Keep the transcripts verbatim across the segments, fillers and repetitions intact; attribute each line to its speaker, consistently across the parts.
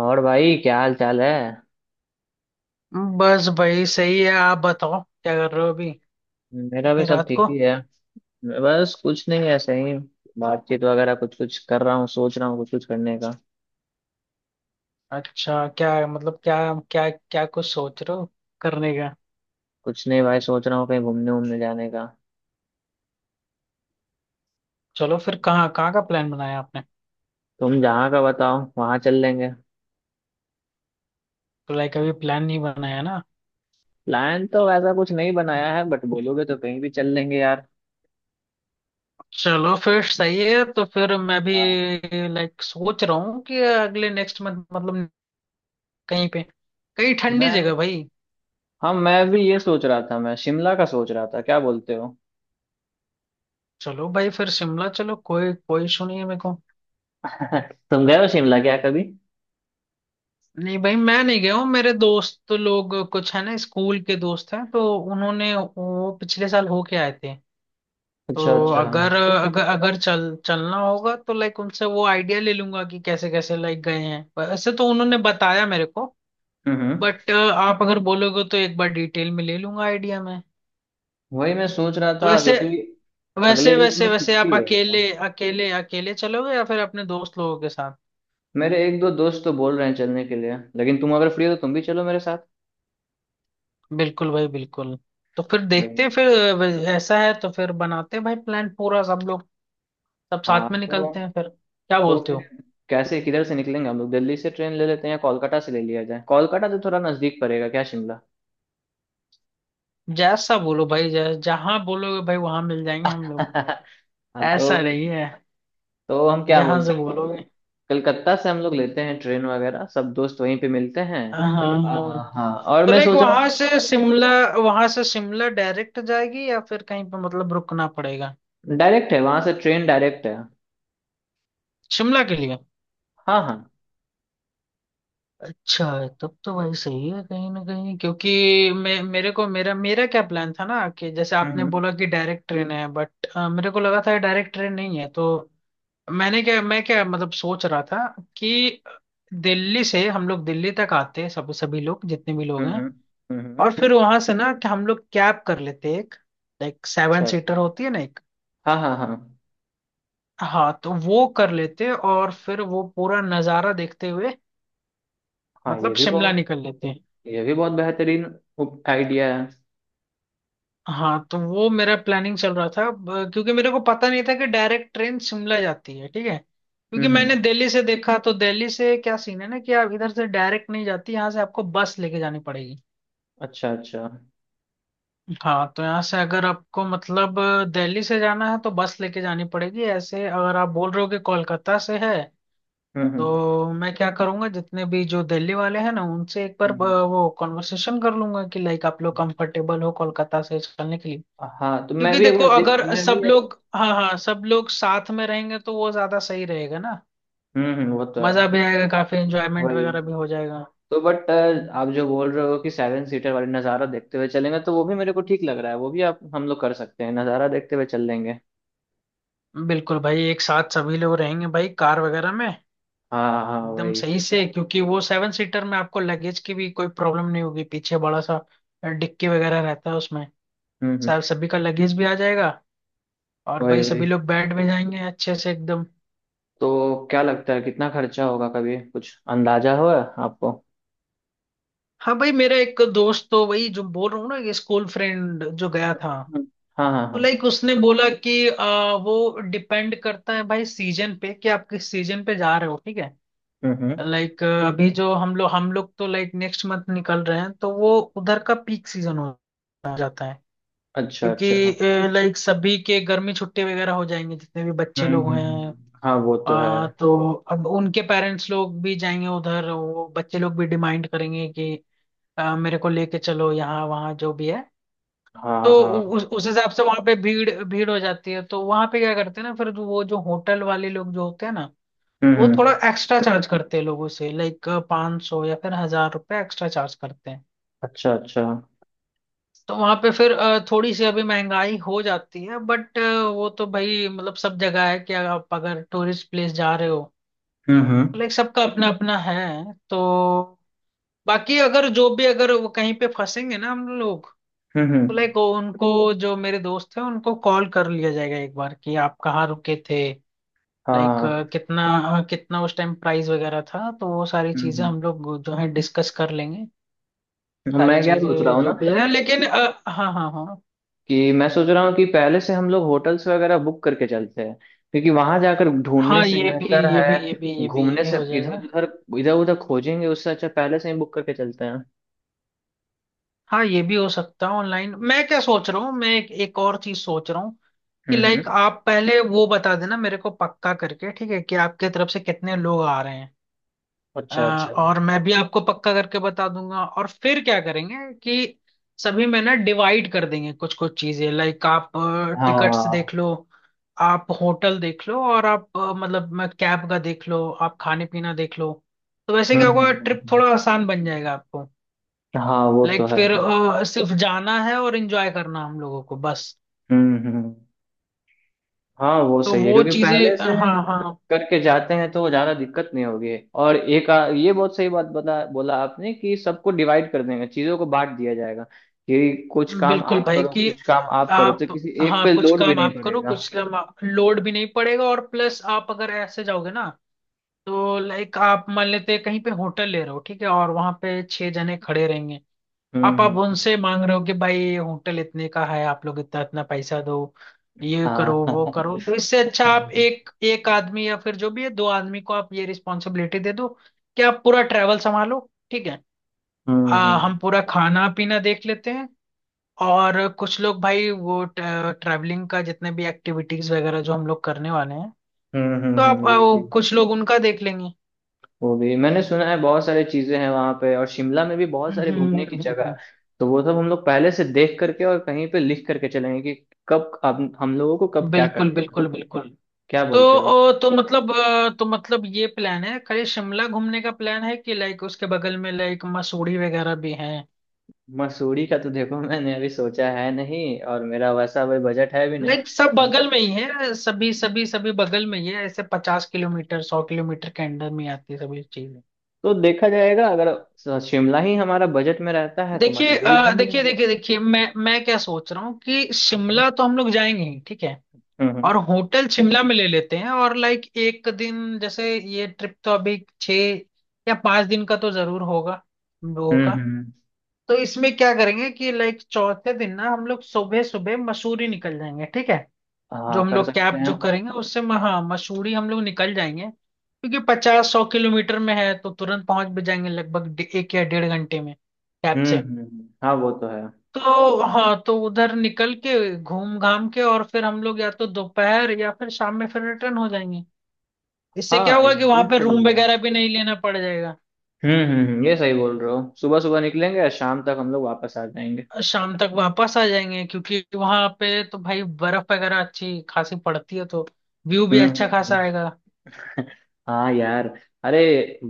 Speaker 1: और भाई क्या हाल चाल है।
Speaker 2: बस भाई सही है। आप बताओ क्या कर रहे हो अभी
Speaker 1: मेरा भी
Speaker 2: इतनी
Speaker 1: सब
Speaker 2: रात
Speaker 1: ठीक
Speaker 2: को।
Speaker 1: ही है। बस कुछ नहीं, ऐसे ही बातचीत वगैरह कुछ कुछ कर रहा हूँ, सोच रहा हूँ कुछ कुछ करने का।
Speaker 2: अच्छा, क्या मतलब क्या क्या क्या कुछ सोच रहे हो करने का।
Speaker 1: कुछ नहीं भाई, सोच रहा हूँ कहीं घूमने घूमने जाने का।
Speaker 2: चलो, फिर कहाँ कहाँ का प्लान बनाया आपने।
Speaker 1: तुम जहाँ का बताओ वहाँ चल लेंगे।
Speaker 2: तो लाइक अभी प्लान नहीं बनाया ना।
Speaker 1: प्लान तो वैसा कुछ नहीं बनाया है, बट बोलोगे तो कहीं भी चल लेंगे यार।
Speaker 2: चलो फिर सही है, तो फिर मैं भी
Speaker 1: हाँ।
Speaker 2: लाइक सोच रहा हूँ कि अगले नेक्स्ट मंथ मतलब कहीं पे, कहीं ठंडी
Speaker 1: मैं,
Speaker 2: जगह भाई।
Speaker 1: हाँ मैं भी ये सोच रहा था, मैं शिमला का सोच रहा था, क्या बोलते हो?
Speaker 2: चलो भाई फिर शिमला चलो। कोई कोई इशू नहीं है मेरे को।
Speaker 1: तुम गए हो शिमला क्या कभी?
Speaker 2: नहीं भाई मैं नहीं गया हूँ। मेरे दोस्त तो लोग कुछ है ना, स्कूल के दोस्त हैं तो उन्होंने वो पिछले साल होके आए थे।
Speaker 1: अच्छा
Speaker 2: तो
Speaker 1: अच्छा, हम्म
Speaker 2: अगर अगर अगर चल चलना होगा तो लाइक उनसे वो आइडिया ले लूंगा कि कैसे कैसे लाइक गए हैं। वैसे तो उन्होंने बताया मेरे को।
Speaker 1: हम्म।
Speaker 2: बट आप अगर बोलोगे तो एक बार डिटेल में ले लूंगा आइडिया में।
Speaker 1: वही मैं सोच रहा
Speaker 2: तो
Speaker 1: था
Speaker 2: वैसे
Speaker 1: क्योंकि अगले
Speaker 2: वैसे
Speaker 1: वीक
Speaker 2: वैसे
Speaker 1: में
Speaker 2: वैसे आप
Speaker 1: छुट्टी है
Speaker 2: अकेले
Speaker 1: मेरा।
Speaker 2: अकेले अकेले चलोगे या फिर अपने दोस्त लोगों के साथ।
Speaker 1: मेरे एक दो दोस्त तो बोल रहे हैं चलने के लिए, लेकिन तुम अगर फ्री हो तो तुम भी चलो मेरे साथ।
Speaker 2: बिल्कुल भाई बिल्कुल। तो फिर
Speaker 1: भाई।
Speaker 2: देखते हैं फिर। अ, ऐसा है तो फिर बनाते हैं भाई प्लान पूरा। सब लोग सब
Speaker 1: हाँ
Speaker 2: साथ में
Speaker 1: तो
Speaker 2: निकलते हैं फिर, क्या
Speaker 1: तो
Speaker 2: बोलते
Speaker 1: फिर
Speaker 2: हो।
Speaker 1: कैसे, किधर से निकलेंगे हम लोग? दिल्ली से ट्रेन ले लेते हैं या कोलकाता से ले लिया जाए? कोलकाता तो थोड़ा नजदीक पड़ेगा क्या शिमला?
Speaker 2: जैसा बोलो भाई, जै, जहाँ बोलोगे भाई वहां मिल जाएंगे हम लोग।
Speaker 1: हाँ।
Speaker 2: ऐसा
Speaker 1: तो
Speaker 2: नहीं है।
Speaker 1: तो हम क्या
Speaker 2: जहां
Speaker 1: बोलते
Speaker 2: से
Speaker 1: हैं कि
Speaker 2: बोलोगे।
Speaker 1: कलकत्ता से हम लोग लेते हैं ट्रेन वगैरह, सब दोस्त वहीं पे मिलते हैं।
Speaker 2: हाँ, हाँ,
Speaker 1: आ,
Speaker 2: हाँ। हाँ।
Speaker 1: हाँ और
Speaker 2: तो
Speaker 1: मैं
Speaker 2: लाइक
Speaker 1: सोच रहा
Speaker 2: वहां
Speaker 1: हूँ।
Speaker 2: से शिमला, वहां से शिमला डायरेक्ट जाएगी या फिर कहीं पे मतलब रुकना पड़ेगा,
Speaker 1: डायरेक्ट है, वहां से ट्रेन डायरेक्ट है।
Speaker 2: शिमला के लिए।
Speaker 1: हाँ हाँ।
Speaker 2: अच्छा है, तब तो भाई सही है कहीं ना कहीं। क्योंकि मैं मेरे को मेरा मेरा क्या प्लान था ना कि जैसे आपने
Speaker 1: हम्म।
Speaker 2: बोला कि डायरेक्ट ट्रेन है बट मेरे को लगा था डायरेक्ट ट्रेन नहीं है। तो मैंने क्या मैं क्या मतलब सोच रहा था कि दिल्ली से हम लोग दिल्ली तक आते हैं, सब सभी लोग जितने भी लोग
Speaker 1: हम्म
Speaker 2: हैं,
Speaker 1: हम्म हम्म हम्म,
Speaker 2: और फिर वहां से ना कि हम लोग कैब कर लेते एक, लाइक सेवन
Speaker 1: अच्छा।
Speaker 2: सीटर होती है ना एक।
Speaker 1: हाँ हाँ हाँ
Speaker 2: हाँ, तो वो कर लेते और फिर वो पूरा नज़ारा देखते हुए,
Speaker 1: हाँ, ये
Speaker 2: मतलब
Speaker 1: भी
Speaker 2: शिमला
Speaker 1: बहुत,
Speaker 2: निकल लेते।
Speaker 1: ये भी बहुत बेहतरीन आइडिया है।
Speaker 2: हाँ तो वो मेरा प्लानिंग चल रहा था, ब- क्योंकि मेरे को पता नहीं था कि डायरेक्ट ट्रेन शिमला जाती है, ठीक है।
Speaker 1: हम्म।
Speaker 2: क्योंकि मैंने
Speaker 1: हम्म
Speaker 2: दिल्ली से देखा तो दिल्ली से क्या सीन है ना कि आप इधर से डायरेक्ट नहीं जाती, यहाँ से आपको बस लेके जानी पड़ेगी।
Speaker 1: अच्छा अच्छा, हम्म।
Speaker 2: हाँ तो यहाँ से अगर आपको मतलब दिल्ली से जाना है तो बस लेके जानी पड़ेगी। ऐसे अगर आप बोल रहे हो कि कोलकाता से है,
Speaker 1: हम्म
Speaker 2: तो मैं क्या करूंगा जितने भी जो दिल्ली वाले हैं ना उनसे एक बार
Speaker 1: हम्म,
Speaker 2: अ,
Speaker 1: हम्म।
Speaker 2: वो कॉन्वर्सेशन कर लूंगा कि लाइक आप लोग कंफर्टेबल हो कोलकाता से चलने के लिए।
Speaker 1: हाँ तो मैं
Speaker 2: क्योंकि
Speaker 1: भी एक
Speaker 2: देखो
Speaker 1: बार देख,
Speaker 2: अगर
Speaker 1: मैं
Speaker 2: सब
Speaker 1: भी।
Speaker 2: लोग, हाँ हाँ, सब लोग साथ में रहेंगे तो वो ज्यादा सही रहेगा ना।
Speaker 1: हम्म हम्म, वो तो है।
Speaker 2: मजा भी आएगा, काफी एंजॉयमेंट
Speaker 1: वही।
Speaker 2: वगैरह भी हो जाएगा।
Speaker 1: तो बट आप जो बोल रहे हो कि सेवन सीटर वाली नज़ारा देखते हुए चलेंगे, तो वो भी मेरे को ठीक लग रहा है, वो भी आप हम लोग कर सकते हैं, नज़ारा देखते हुए चल लेंगे।
Speaker 2: बिल्कुल भाई, एक साथ सभी लोग रहेंगे भाई, कार वगैरह में
Speaker 1: हाँ हाँ,
Speaker 2: एकदम
Speaker 1: वही।
Speaker 2: सही से। क्योंकि वो सेवन सीटर में आपको लगेज की भी कोई प्रॉब्लम नहीं होगी, पीछे बड़ा सा डिक्की वगैरह रहता है उसमें।
Speaker 1: हम्म हम्म
Speaker 2: सब सभी का लगेज भी आ जाएगा, और
Speaker 1: वही
Speaker 2: भाई
Speaker 1: वही
Speaker 2: सभी लोग बैठ भी जाएंगे अच्छे से एकदम।
Speaker 1: तो क्या लगता है, कितना खर्चा होगा? कभी कुछ अंदाजा हुआ है आपको?
Speaker 2: हाँ भाई, मेरा एक दोस्त तो वही जो बोल रहा हूँ ना, ये स्कूल फ्रेंड जो गया
Speaker 1: हम्म,
Speaker 2: था,
Speaker 1: हम्म। हाँ हाँ
Speaker 2: तो
Speaker 1: हाँ।
Speaker 2: लाइक उसने बोला कि आ, वो डिपेंड करता है भाई सीजन पे कि आप किस सीजन पे जा रहे हो, ठीक है।
Speaker 1: हम्म हम्म।
Speaker 2: लाइक अभी जो हम लोग हम लोग तो लाइक नेक्स्ट मंथ निकल रहे हैं, तो वो उधर का पीक सीजन हो जाता है।
Speaker 1: अच्छा अच्छा,
Speaker 2: क्योंकि लाइक सभी के गर्मी छुट्टी वगैरह हो जाएंगे, जितने भी बच्चे
Speaker 1: हम्म।
Speaker 2: लोग हैं।
Speaker 1: हम्म, हाँ वो तो है।
Speaker 2: आ, तो अब उनके पेरेंट्स लोग भी जाएंगे उधर, वो बच्चे लोग भी डिमांड करेंगे कि आ, मेरे को लेके चलो यहाँ वहाँ, जो भी है। तो
Speaker 1: हाँ
Speaker 2: उ-
Speaker 1: हाँ।
Speaker 2: उस उस हिसाब से वहां पे भीड़ भीड़ हो जाती है। तो वहां पे क्या करते हैं ना, फिर वो जो होटल वाले लोग जो होते हैं ना,
Speaker 1: हम्म,
Speaker 2: वो थोड़ा
Speaker 1: हम्म,
Speaker 2: एक्स्ट्रा चार्ज करते हैं लोगों से, लाइक पाँच सौ या फिर हजार रुपए एक्स्ट्रा चार्ज करते हैं।
Speaker 1: अच्छा अच्छा। हम्म,
Speaker 2: तो वहां पे फिर अ, थोड़ी सी अभी महंगाई हो जाती है, बट वो तो भाई मतलब सब जगह है कि आप अगर टूरिस्ट प्लेस जा रहे हो,
Speaker 1: हम्म,
Speaker 2: लाइक सबका अपना अपना है। तो बाकी अगर जो भी अगर वो कहीं पे फंसेंगे ना हम लोग,
Speaker 1: हम्म
Speaker 2: तो
Speaker 1: हम्म,
Speaker 2: लाइक उनको, जो मेरे दोस्त हैं उनको कॉल कर लिया जाएगा एक बार कि आप कहाँ रुके थे, लाइक
Speaker 1: हाँ।
Speaker 2: कितना कितना उस टाइम प्राइस वगैरह था। तो वो सारी चीजें
Speaker 1: हम्म।
Speaker 2: हम लोग जो है डिस्कस कर लेंगे, सारी
Speaker 1: मैं क्या सोच रहा
Speaker 2: चीजें
Speaker 1: हूँ
Speaker 2: जो
Speaker 1: ना,
Speaker 2: भी है। लेकिन अ, हाँ, हाँ, हाँ।
Speaker 1: कि मैं सोच रहा हूँ कि पहले से हम लोग होटल्स वगैरह बुक करके चलते हैं, क्योंकि वहां जाकर ढूंढने
Speaker 2: हाँ
Speaker 1: से
Speaker 2: ये भी
Speaker 1: बेहतर
Speaker 2: ये भी
Speaker 1: है,
Speaker 2: ये भी ये भी ये
Speaker 1: घूमने
Speaker 2: भी
Speaker 1: से
Speaker 2: हो
Speaker 1: इधर
Speaker 2: जाएगा।
Speaker 1: उधर, इधर उधर खोजेंगे, उससे अच्छा पहले से ही बुक करके चलते हैं।
Speaker 2: हाँ ये भी हो सकता है ऑनलाइन। मैं क्या सोच रहा हूँ, मैं एक, एक और चीज सोच रहा हूँ कि
Speaker 1: हम्म,
Speaker 2: लाइक
Speaker 1: हम्म,
Speaker 2: आप पहले वो बता देना मेरे को पक्का करके, ठीक है, कि आपके तरफ से कितने लोग आ रहे हैं। अ,
Speaker 1: अच्छा अच्छा।
Speaker 2: और मैं भी आपको पक्का करके बता दूंगा, और फिर क्या करेंगे कि सभी में ना डिवाइड कर देंगे कुछ कुछ चीजें, लाइक आप टिकट्स
Speaker 1: हाँ।
Speaker 2: देख लो, आप होटल देख लो, और आप अ, मतलब मैं कैब का देख लो, आप खाने पीना देख लो। तो वैसे
Speaker 1: हम्म,
Speaker 2: क्या
Speaker 1: हम्म,
Speaker 2: होगा,
Speaker 1: हम्म,
Speaker 2: ट्रिप
Speaker 1: हम्म।
Speaker 2: थोड़ा आसान बन जाएगा आपको।
Speaker 1: हाँ वो तो
Speaker 2: लाइक
Speaker 1: है।
Speaker 2: फिर अ, सिर्फ जाना है और एंजॉय करना हम लोगों को बस।
Speaker 1: हम्म, हम्म, हाँ वो
Speaker 2: तो
Speaker 1: सही है,
Speaker 2: वो
Speaker 1: क्योंकि
Speaker 2: चीजें,
Speaker 1: पहले से
Speaker 2: हाँ, हाँ,
Speaker 1: करके जाते हैं तो ज्यादा दिक्कत नहीं होगी। और एक आ, ये बहुत सही बात बता बोला आपने कि सबको डिवाइड कर देंगे, चीजों को बांट दिया जाएगा, कि कुछ काम
Speaker 2: बिल्कुल
Speaker 1: आप
Speaker 2: भाई
Speaker 1: करो
Speaker 2: कि
Speaker 1: कुछ काम आप करो, तो
Speaker 2: आप,
Speaker 1: किसी एक
Speaker 2: हाँ
Speaker 1: पे
Speaker 2: कुछ
Speaker 1: लोड भी
Speaker 2: काम
Speaker 1: नहीं
Speaker 2: आप करो,
Speaker 1: पड़ेगा।
Speaker 2: कुछ काम आप- लोड भी नहीं पड़ेगा। और प्लस आप अगर ऐसे जाओगे ना, तो लाइक आप मान लेते हैं कहीं पे होटल ले रहे हो, ठीक है, और वहां पे छह जने खड़े रहेंगे।
Speaker 1: हम्म
Speaker 2: आप अब
Speaker 1: हम्म।
Speaker 2: उनसे मांग रहे हो कि भाई होटल इतने का है, आप लोग इतना इतना पैसा दो, ये
Speaker 1: हाँ।
Speaker 2: करो वो करो,
Speaker 1: हम्म
Speaker 2: तो इससे अच्छा आप एक एक आदमी या फिर जो भी है दो आदमी को आप ये रिस्पॉन्सिबिलिटी दे दो कि आप पूरा ट्रैवल संभालो, ठीक है।
Speaker 1: हम्म
Speaker 2: आ,
Speaker 1: हम्म
Speaker 2: हम पूरा खाना पीना देख लेते हैं। और कुछ लोग भाई वो ट्रैवलिंग का जितने भी एक्टिविटीज वगैरह जो हम लोग करने वाले हैं,
Speaker 1: हम्म हम्म,
Speaker 2: तो
Speaker 1: हम्म,
Speaker 2: आप अ,
Speaker 1: वो
Speaker 2: वो
Speaker 1: भी,
Speaker 2: कुछ लोग उनका देख लेंगे।
Speaker 1: वो भी मैंने सुना है बहुत सारी चीजें हैं वहां पे, और शिमला में भी बहुत
Speaker 2: हम्म,
Speaker 1: सारे
Speaker 2: हम्म,
Speaker 1: घूमने की जगह है,
Speaker 2: हम्म।
Speaker 1: तो वो सब हम लोग पहले से देख करके और कहीं पे लिख करके चलेंगे कि कब, अब हम लोगों को कब क्या
Speaker 2: बिल्कुल,
Speaker 1: करना है।
Speaker 2: बिल्कुल, बिल्कुल।
Speaker 1: क्या
Speaker 2: तो
Speaker 1: बोलते हो?
Speaker 2: ओ, तो मतलब अ, तो मतलब ये प्लान है, खाली शिमला घूमने का प्लान है कि लाइक उसके बगल में लाइक मसूरी वगैरह भी हैं।
Speaker 1: मसूरी का तो देखो मैंने अभी सोचा है नहीं, और मेरा वैसा अभी बजट है भी नहीं।
Speaker 2: लाइक सब बगल में ही है, सभी सभी सभी बगल में ही है, ऐसे पचास किलोमीटर सौ किलोमीटर के अंडर में आती है सभी चीज।
Speaker 1: तो देखा जाएगा अगर स- शिमला ही हमारा बजट में रहता है तो
Speaker 2: देखिए
Speaker 1: मसूरी भी
Speaker 2: अ,
Speaker 1: घूम
Speaker 2: देखिए
Speaker 1: लेंगे।
Speaker 2: देखिए देखिए, मैं मैं क्या सोच रहा हूँ कि शिमला
Speaker 1: हाँ।
Speaker 2: तो हम लोग जाएंगे ही, ठीक है।
Speaker 1: हम्म।
Speaker 2: और होटल शिमला में ले लेते हैं, और लाइक एक दिन जैसे, ये ट्रिप तो अभी छः या पाँच दिन का तो जरूर होगा हम लोगों
Speaker 1: हम्म
Speaker 2: का।
Speaker 1: हम्म,
Speaker 2: तो इसमें क्या करेंगे कि लाइक चौथे दिन ना हम लोग सुबह सुबह मसूरी निकल जाएंगे, ठीक है। जो
Speaker 1: हाँ
Speaker 2: हम
Speaker 1: कर
Speaker 2: लोग
Speaker 1: सकते
Speaker 2: कैब
Speaker 1: हैं।
Speaker 2: जो करेंगे उससे म- हाँ मसूरी हम लोग निकल जाएंगे, क्योंकि पचास सौ किलोमीटर में है तो तुरंत पहुंच भी जाएंगे, लगभग डे- एक या डेढ़ घंटे में कैब
Speaker 1: हम्म
Speaker 2: से।
Speaker 1: हम्म हम्म, हाँ वो तो है।
Speaker 2: तो हाँ, तो उधर निकल के घूम घाम के और फिर हम लोग या तो दोपहर या फिर शाम में फिर रिटर्न हो जाएंगे। इससे क्या
Speaker 1: हाँ
Speaker 2: होगा कि वहां
Speaker 1: ये
Speaker 2: पे
Speaker 1: सही
Speaker 2: रूम
Speaker 1: है।
Speaker 2: वगैरह भी नहीं लेना पड़ जाएगा।
Speaker 1: हम्म हम्म हम्म, ये सही बोल रहे हो, सुबह सुबह निकलेंगे और शाम तक हम लोग वापस आ जाएंगे।
Speaker 2: शाम तक वापस आ जाएंगे, क्योंकि वहां पे तो भाई बर्फ वगैरह अच्छी खासी पड़ती है, तो व्यू भी
Speaker 1: हम्म
Speaker 2: अच्छा
Speaker 1: हम्म हम्म।
Speaker 2: खासा आएगा।
Speaker 1: हाँ यार, अरे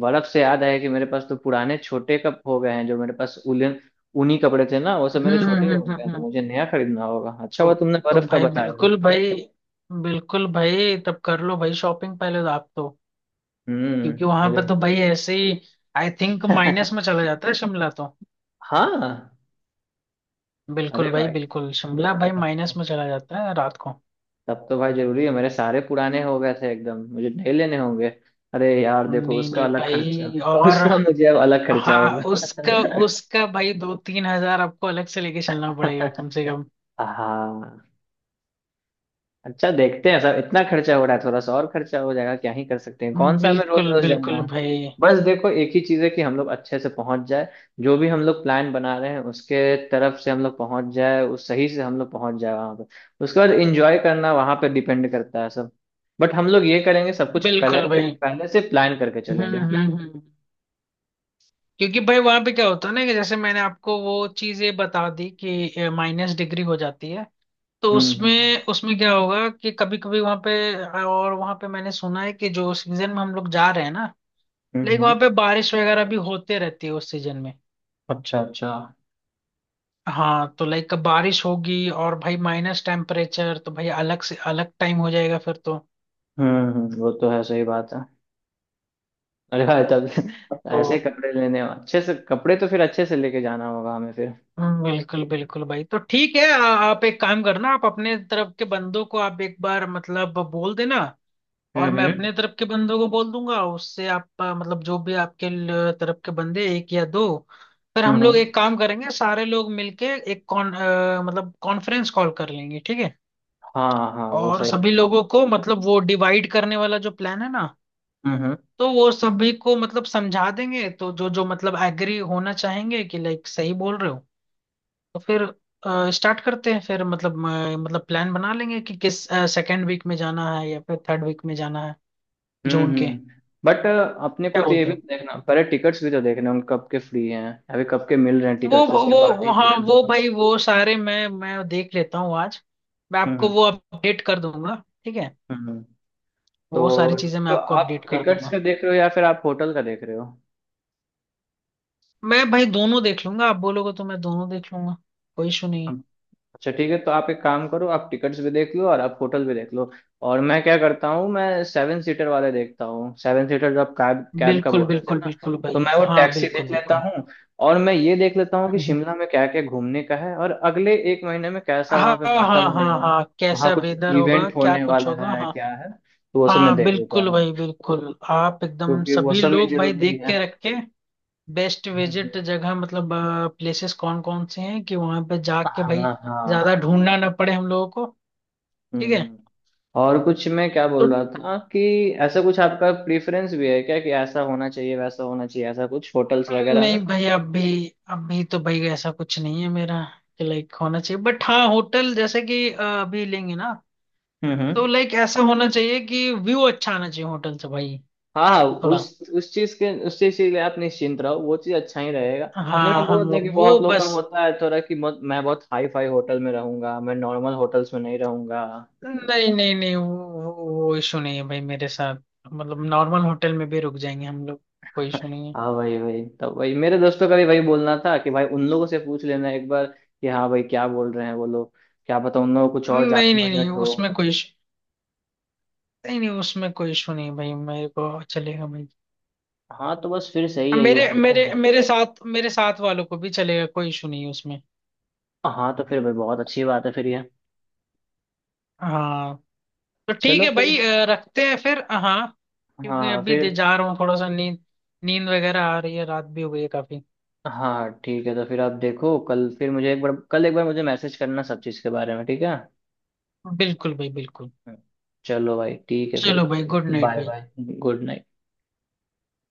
Speaker 1: बर्फ से याद आया कि मेरे पास तो पुराने छोटे कप हो गए हैं, जो मेरे पास उलन, ऊनी कपड़े थे ना, वो सब
Speaker 2: हम्म,
Speaker 1: मेरे
Speaker 2: हम्म,
Speaker 1: छोटे हो
Speaker 2: हम्म,
Speaker 1: गए हैं,
Speaker 2: हम्म,
Speaker 1: तो
Speaker 2: हम्म।
Speaker 1: मुझे नया खरीदना होगा। अच्छा
Speaker 2: तो
Speaker 1: हुआ तुमने
Speaker 2: तो
Speaker 1: बर्फ का
Speaker 2: भाई
Speaker 1: बताया।
Speaker 2: बिल्कुल भाई, बिल्कुल भाई तब कर लो भाई शॉपिंग पहले तो, आप तो। क्योंकि
Speaker 1: हम्म,
Speaker 2: वहां पे
Speaker 1: मुझे।
Speaker 2: तो भाई ऐसे ही आई थिंक माइनस में चला जाता है शिमला तो।
Speaker 1: हाँ।
Speaker 2: बिल्कुल
Speaker 1: अरे
Speaker 2: भाई
Speaker 1: भाई,
Speaker 2: बिल्कुल, शिमला भाई माइनस में चला जाता है रात को।
Speaker 1: तब तो भाई जरूरी है, मेरे सारे पुराने हो गए थे एकदम, मुझे नए लेने होंगे। अरे यार देखो
Speaker 2: नहीं
Speaker 1: उसका
Speaker 2: नहीं
Speaker 1: अलग खर्चा,
Speaker 2: भाई। और
Speaker 1: उसका मुझे अब अलग खर्चा
Speaker 2: हाँ
Speaker 1: होगा।
Speaker 2: उसका, उसका भाई दो तीन हजार आपको अलग से लेके चलना पड़ेगा कम से कम।
Speaker 1: हाँ। अच्छा देखते हैं सर, इतना खर्चा हो रहा है थोड़ा सा और खर्चा हो जाएगा, क्या ही कर सकते हैं, कौन सा हमें रोज
Speaker 2: बिल्कुल,
Speaker 1: रोज जाना
Speaker 2: बिल्कुल
Speaker 1: है।
Speaker 2: भाई,
Speaker 1: बस देखो एक ही चीज है कि हम लोग अच्छे से पहुंच जाए, जो भी हम लोग प्लान बना रहे हैं उसके तरफ से हम लोग पहुंच जाए, उस सही से हम लोग पहुंच जाए वहां पर, उसके बाद एंजॉय करना वहां पर डिपेंड करता है सब। बट हम लोग ये करेंगे सब कुछ पहले,
Speaker 2: बिल्कुल भाई।
Speaker 1: पहले से प्लान करके
Speaker 2: हम्म,
Speaker 1: चलेंगे।
Speaker 2: हम्म, हम्म। क्योंकि भाई वहां पे क्या होता है ना कि जैसे मैंने आपको वो चीजें बता दी कि माइनस डिग्री हो जाती है। तो
Speaker 1: हम्म हम्म
Speaker 2: उसमें उसमें क्या होगा कि कभी कभी वहां पे, और वहां पे मैंने सुना है कि जो सीजन में हम लोग जा रहे हैं ना,
Speaker 1: हम्म
Speaker 2: लाइक
Speaker 1: हम्म।
Speaker 2: वहां पे बारिश वगैरह भी होते रहती है उस सीजन में।
Speaker 1: अच्छा अच्छा।
Speaker 2: हाँ तो लाइक बारिश होगी, और भाई माइनस टेम्परेचर तो भाई अलग से अलग टाइम हो जाएगा फिर तो।
Speaker 1: हम्म हम्म, वो तो है, सही बात है। अरे भाई तब
Speaker 2: तो
Speaker 1: ऐसे कपड़े लेने, अच्छे से कपड़े तो फिर अच्छे से लेके जाना होगा हमें फिर।
Speaker 2: हम्म, बिल्कुल बिल्कुल भाई। तो ठीक है, आ, आप एक काम करना, आप अपने तरफ के बंदों को आप एक बार मतलब बोल देना, और
Speaker 1: हम्म
Speaker 2: मैं
Speaker 1: हम्म
Speaker 2: अपने तरफ के बंदों को बोल दूंगा। उससे आप आ, मतलब जो भी आपके ल- तरफ के बंदे, एक या दो, फिर हम लोग
Speaker 1: हम्म,
Speaker 2: एक काम करेंगे, सारे लोग मिलके एक कॉन आ, मतलब कॉन्फ्रेंस कॉल कर लेंगे, ठीक है।
Speaker 1: हाँ हाँ वो
Speaker 2: और
Speaker 1: सही
Speaker 2: सभी
Speaker 1: है।
Speaker 2: लोगों को मतलब वो डिवाइड करने वाला जो प्लान है ना,
Speaker 1: हम्म
Speaker 2: तो वो सभी को मतलब समझा देंगे, तो जो जो मतलब एग्री होना चाहेंगे कि लाइक सही बोल रहे हो, तो फिर स्टार्ट करते हैं। फिर मतलब अ, मतलब प्लान बना लेंगे कि किस सेकेंड वीक में जाना है या फिर थर्ड वीक में जाना है,
Speaker 1: हम्म
Speaker 2: जून के।
Speaker 1: हम्म बट अपने को
Speaker 2: क्या
Speaker 1: तो ये
Speaker 2: बोलते
Speaker 1: भी
Speaker 2: हो।
Speaker 1: तो देखना, पहले टिकट्स भी तो देखना उन कब के फ्री हैं, अभी कब के मिल रहे हैं
Speaker 2: वो
Speaker 1: टिकट्स,
Speaker 2: वो
Speaker 1: उसके बाद ही
Speaker 2: वो- हाँ
Speaker 1: प्लान
Speaker 2: वो
Speaker 1: होगा।
Speaker 2: भाई, वो सारे मैं मैं देख लेता हूँ आज, मैं आपको
Speaker 1: हम्म।
Speaker 2: वो अपडेट कर दूंगा, ठीक है।
Speaker 1: हम्म
Speaker 2: वो सारी
Speaker 1: तो
Speaker 2: चीजें मैं
Speaker 1: तो
Speaker 2: आपको अपडेट
Speaker 1: आप
Speaker 2: कर
Speaker 1: टिकट्स
Speaker 2: दूंगा।
Speaker 1: का देख रहे हो या फिर आप होटल का देख रहे
Speaker 2: मैं भाई दोनों देख लूंगा, आप बोलोगे तो मैं दोनों देख लूंगा, कोई इशू
Speaker 1: हो?
Speaker 2: नहीं।
Speaker 1: अच्छा ठीक है, तो आप एक काम करो, आप टिकट्स भी देख लो और आप होटल भी देख लो, और मैं क्या करता हूँ, मैं सेवन सीटर वाले देखता हूँ, सेवन सीटर जो आप कैब
Speaker 2: है
Speaker 1: कैब का
Speaker 2: बिल्कुल,
Speaker 1: बोल रहे थे
Speaker 2: बिल्कुल,
Speaker 1: ना,
Speaker 2: बिल्कुल
Speaker 1: तो
Speaker 2: भाई,
Speaker 1: मैं वो
Speaker 2: हाँ
Speaker 1: टैक्सी
Speaker 2: बिल्कुल
Speaker 1: देख लेता
Speaker 2: बिल्कुल।
Speaker 1: हूँ। और मैं ये देख लेता हूँ कि
Speaker 2: हम्म, हम्म।
Speaker 1: शिमला में क्या क्या घूमने का है, और अगले एक महीने में कैसा वहाँ
Speaker 2: हाँ,
Speaker 1: पे
Speaker 2: हाँ,
Speaker 1: मौसम
Speaker 2: हाँ,
Speaker 1: होगा,
Speaker 2: हाँ,
Speaker 1: वहाँ
Speaker 2: कैसा
Speaker 1: कुछ
Speaker 2: वेदर होगा
Speaker 1: इवेंट
Speaker 2: क्या
Speaker 1: होने
Speaker 2: कुछ
Speaker 1: वाला
Speaker 2: होगा,
Speaker 1: है
Speaker 2: हाँ।
Speaker 1: क्या है, तो वो सब मैं
Speaker 2: हाँ
Speaker 1: देख लेता
Speaker 2: बिल्कुल
Speaker 1: हूँ,
Speaker 2: भाई बिल्कुल, आप एकदम
Speaker 1: क्योंकि वो
Speaker 2: सभी
Speaker 1: सब भी
Speaker 2: लोग भाई
Speaker 1: जरूरी
Speaker 2: देख के
Speaker 1: है।
Speaker 2: रख के, बेस्ट
Speaker 1: हम्म, हम्म।
Speaker 2: विजिट जगह मतलब प्लेसेस कौन कौन से हैं, कि वहां पे जाके भाई
Speaker 1: हाँ हाँ।
Speaker 2: ज्यादा ढूंढना ना पड़े हम लोगों को, ठीक
Speaker 1: हम्म।
Speaker 2: है।
Speaker 1: हम्म। और कुछ, मैं क्या
Speaker 2: तो
Speaker 1: बोल रहा था कि ऐसा कुछ आपका प्रेफरेंस भी है क्या, कि ऐसा होना चाहिए वैसा होना चाहिए, ऐसा कुछ होटल्स
Speaker 2: हम्म,
Speaker 1: वगैरह में?
Speaker 2: नहीं भाई अभी, अभी तो भाई ऐसा कुछ नहीं है मेरा कि लाइक होना चाहिए। बट हाँ होटल जैसे कि अ, अभी लेंगे ना,
Speaker 1: हम्म हम्म।
Speaker 2: तो लाइक ऐसा होना चाहिए कि व्यू अच्छा आना चाहिए होटल से भाई,
Speaker 1: हाँ हाँ,
Speaker 2: थोड़ा।
Speaker 1: उस उस चीज के, उस चीज के लिए आप निश्चिंत रहो, वो चीज अच्छा ही रहेगा। नहीं मैं
Speaker 2: हाँ, हाँ।
Speaker 1: बोल रहा था कि
Speaker 2: वो
Speaker 1: बहुत लोग का
Speaker 2: बस,
Speaker 1: होता है थोड़ा कि बहुत- मैं बहुत हाई फाई होटल में रहूंगा, मैं नॉर्मल होटल्स में नहीं रहूंगा।
Speaker 2: नहीं, नहीं, नहीं। वो वो इशू नहीं है भाई मेरे साथ, मतलब नॉर्मल होटल में भी रुक जाएंगे हम लोग, कोई इशू नहीं है।
Speaker 1: हाँ वही, वही तो, वही मेरे दोस्तों का भी वही बोलना था कि भाई उन लोगों से पूछ लेना एक बार कि हाँ भाई क्या बोल रहे हैं वो लोग, क्या पता उन लोगों को कुछ और ज्यादा
Speaker 2: नहीं, नहीं, नहीं,
Speaker 1: बजट हो।
Speaker 2: उसमें कोई इशू नहीं, नहीं उसमें कोई इशू नहीं है भाई, मेरे को चलेगा भाई।
Speaker 1: हाँ तो बस फिर सही
Speaker 2: अब
Speaker 1: है, ये
Speaker 2: मेरे
Speaker 1: करते
Speaker 2: मेरे
Speaker 1: हैं।
Speaker 2: मेरे साथ मेरे साथ वालों को भी चलेगा, कोई इशू नहीं है उसमें।
Speaker 1: हाँ तो फिर भाई बहुत अच्छी बात है फिर ये।
Speaker 2: हाँ, तो ठीक
Speaker 1: चलो
Speaker 2: है
Speaker 1: फिर।
Speaker 2: भाई, अ, रखते हैं फिर, अ, हाँ।
Speaker 1: हाँ।
Speaker 2: क्योंकि
Speaker 1: हाँ,
Speaker 2: अभी
Speaker 1: फिर।
Speaker 2: दे जा रहा हूँ थोड़ा सा, नींद, नींद वगैरह आ रही है, रात भी हो गई है काफी।
Speaker 1: हाँ हाँ, ठीक है, तो फिर आप देखो, कल फिर मुझे एक बार, कल एक बार मुझे मैसेज करना सब चीज़ के बारे में, ठीक है।
Speaker 2: बिल्कुल भाई, बिल्कुल।
Speaker 1: चलो भाई ठीक है फिर।
Speaker 2: चलो भाई, गुड नाइट
Speaker 1: बाय
Speaker 2: भाई।
Speaker 1: बाय। Good night.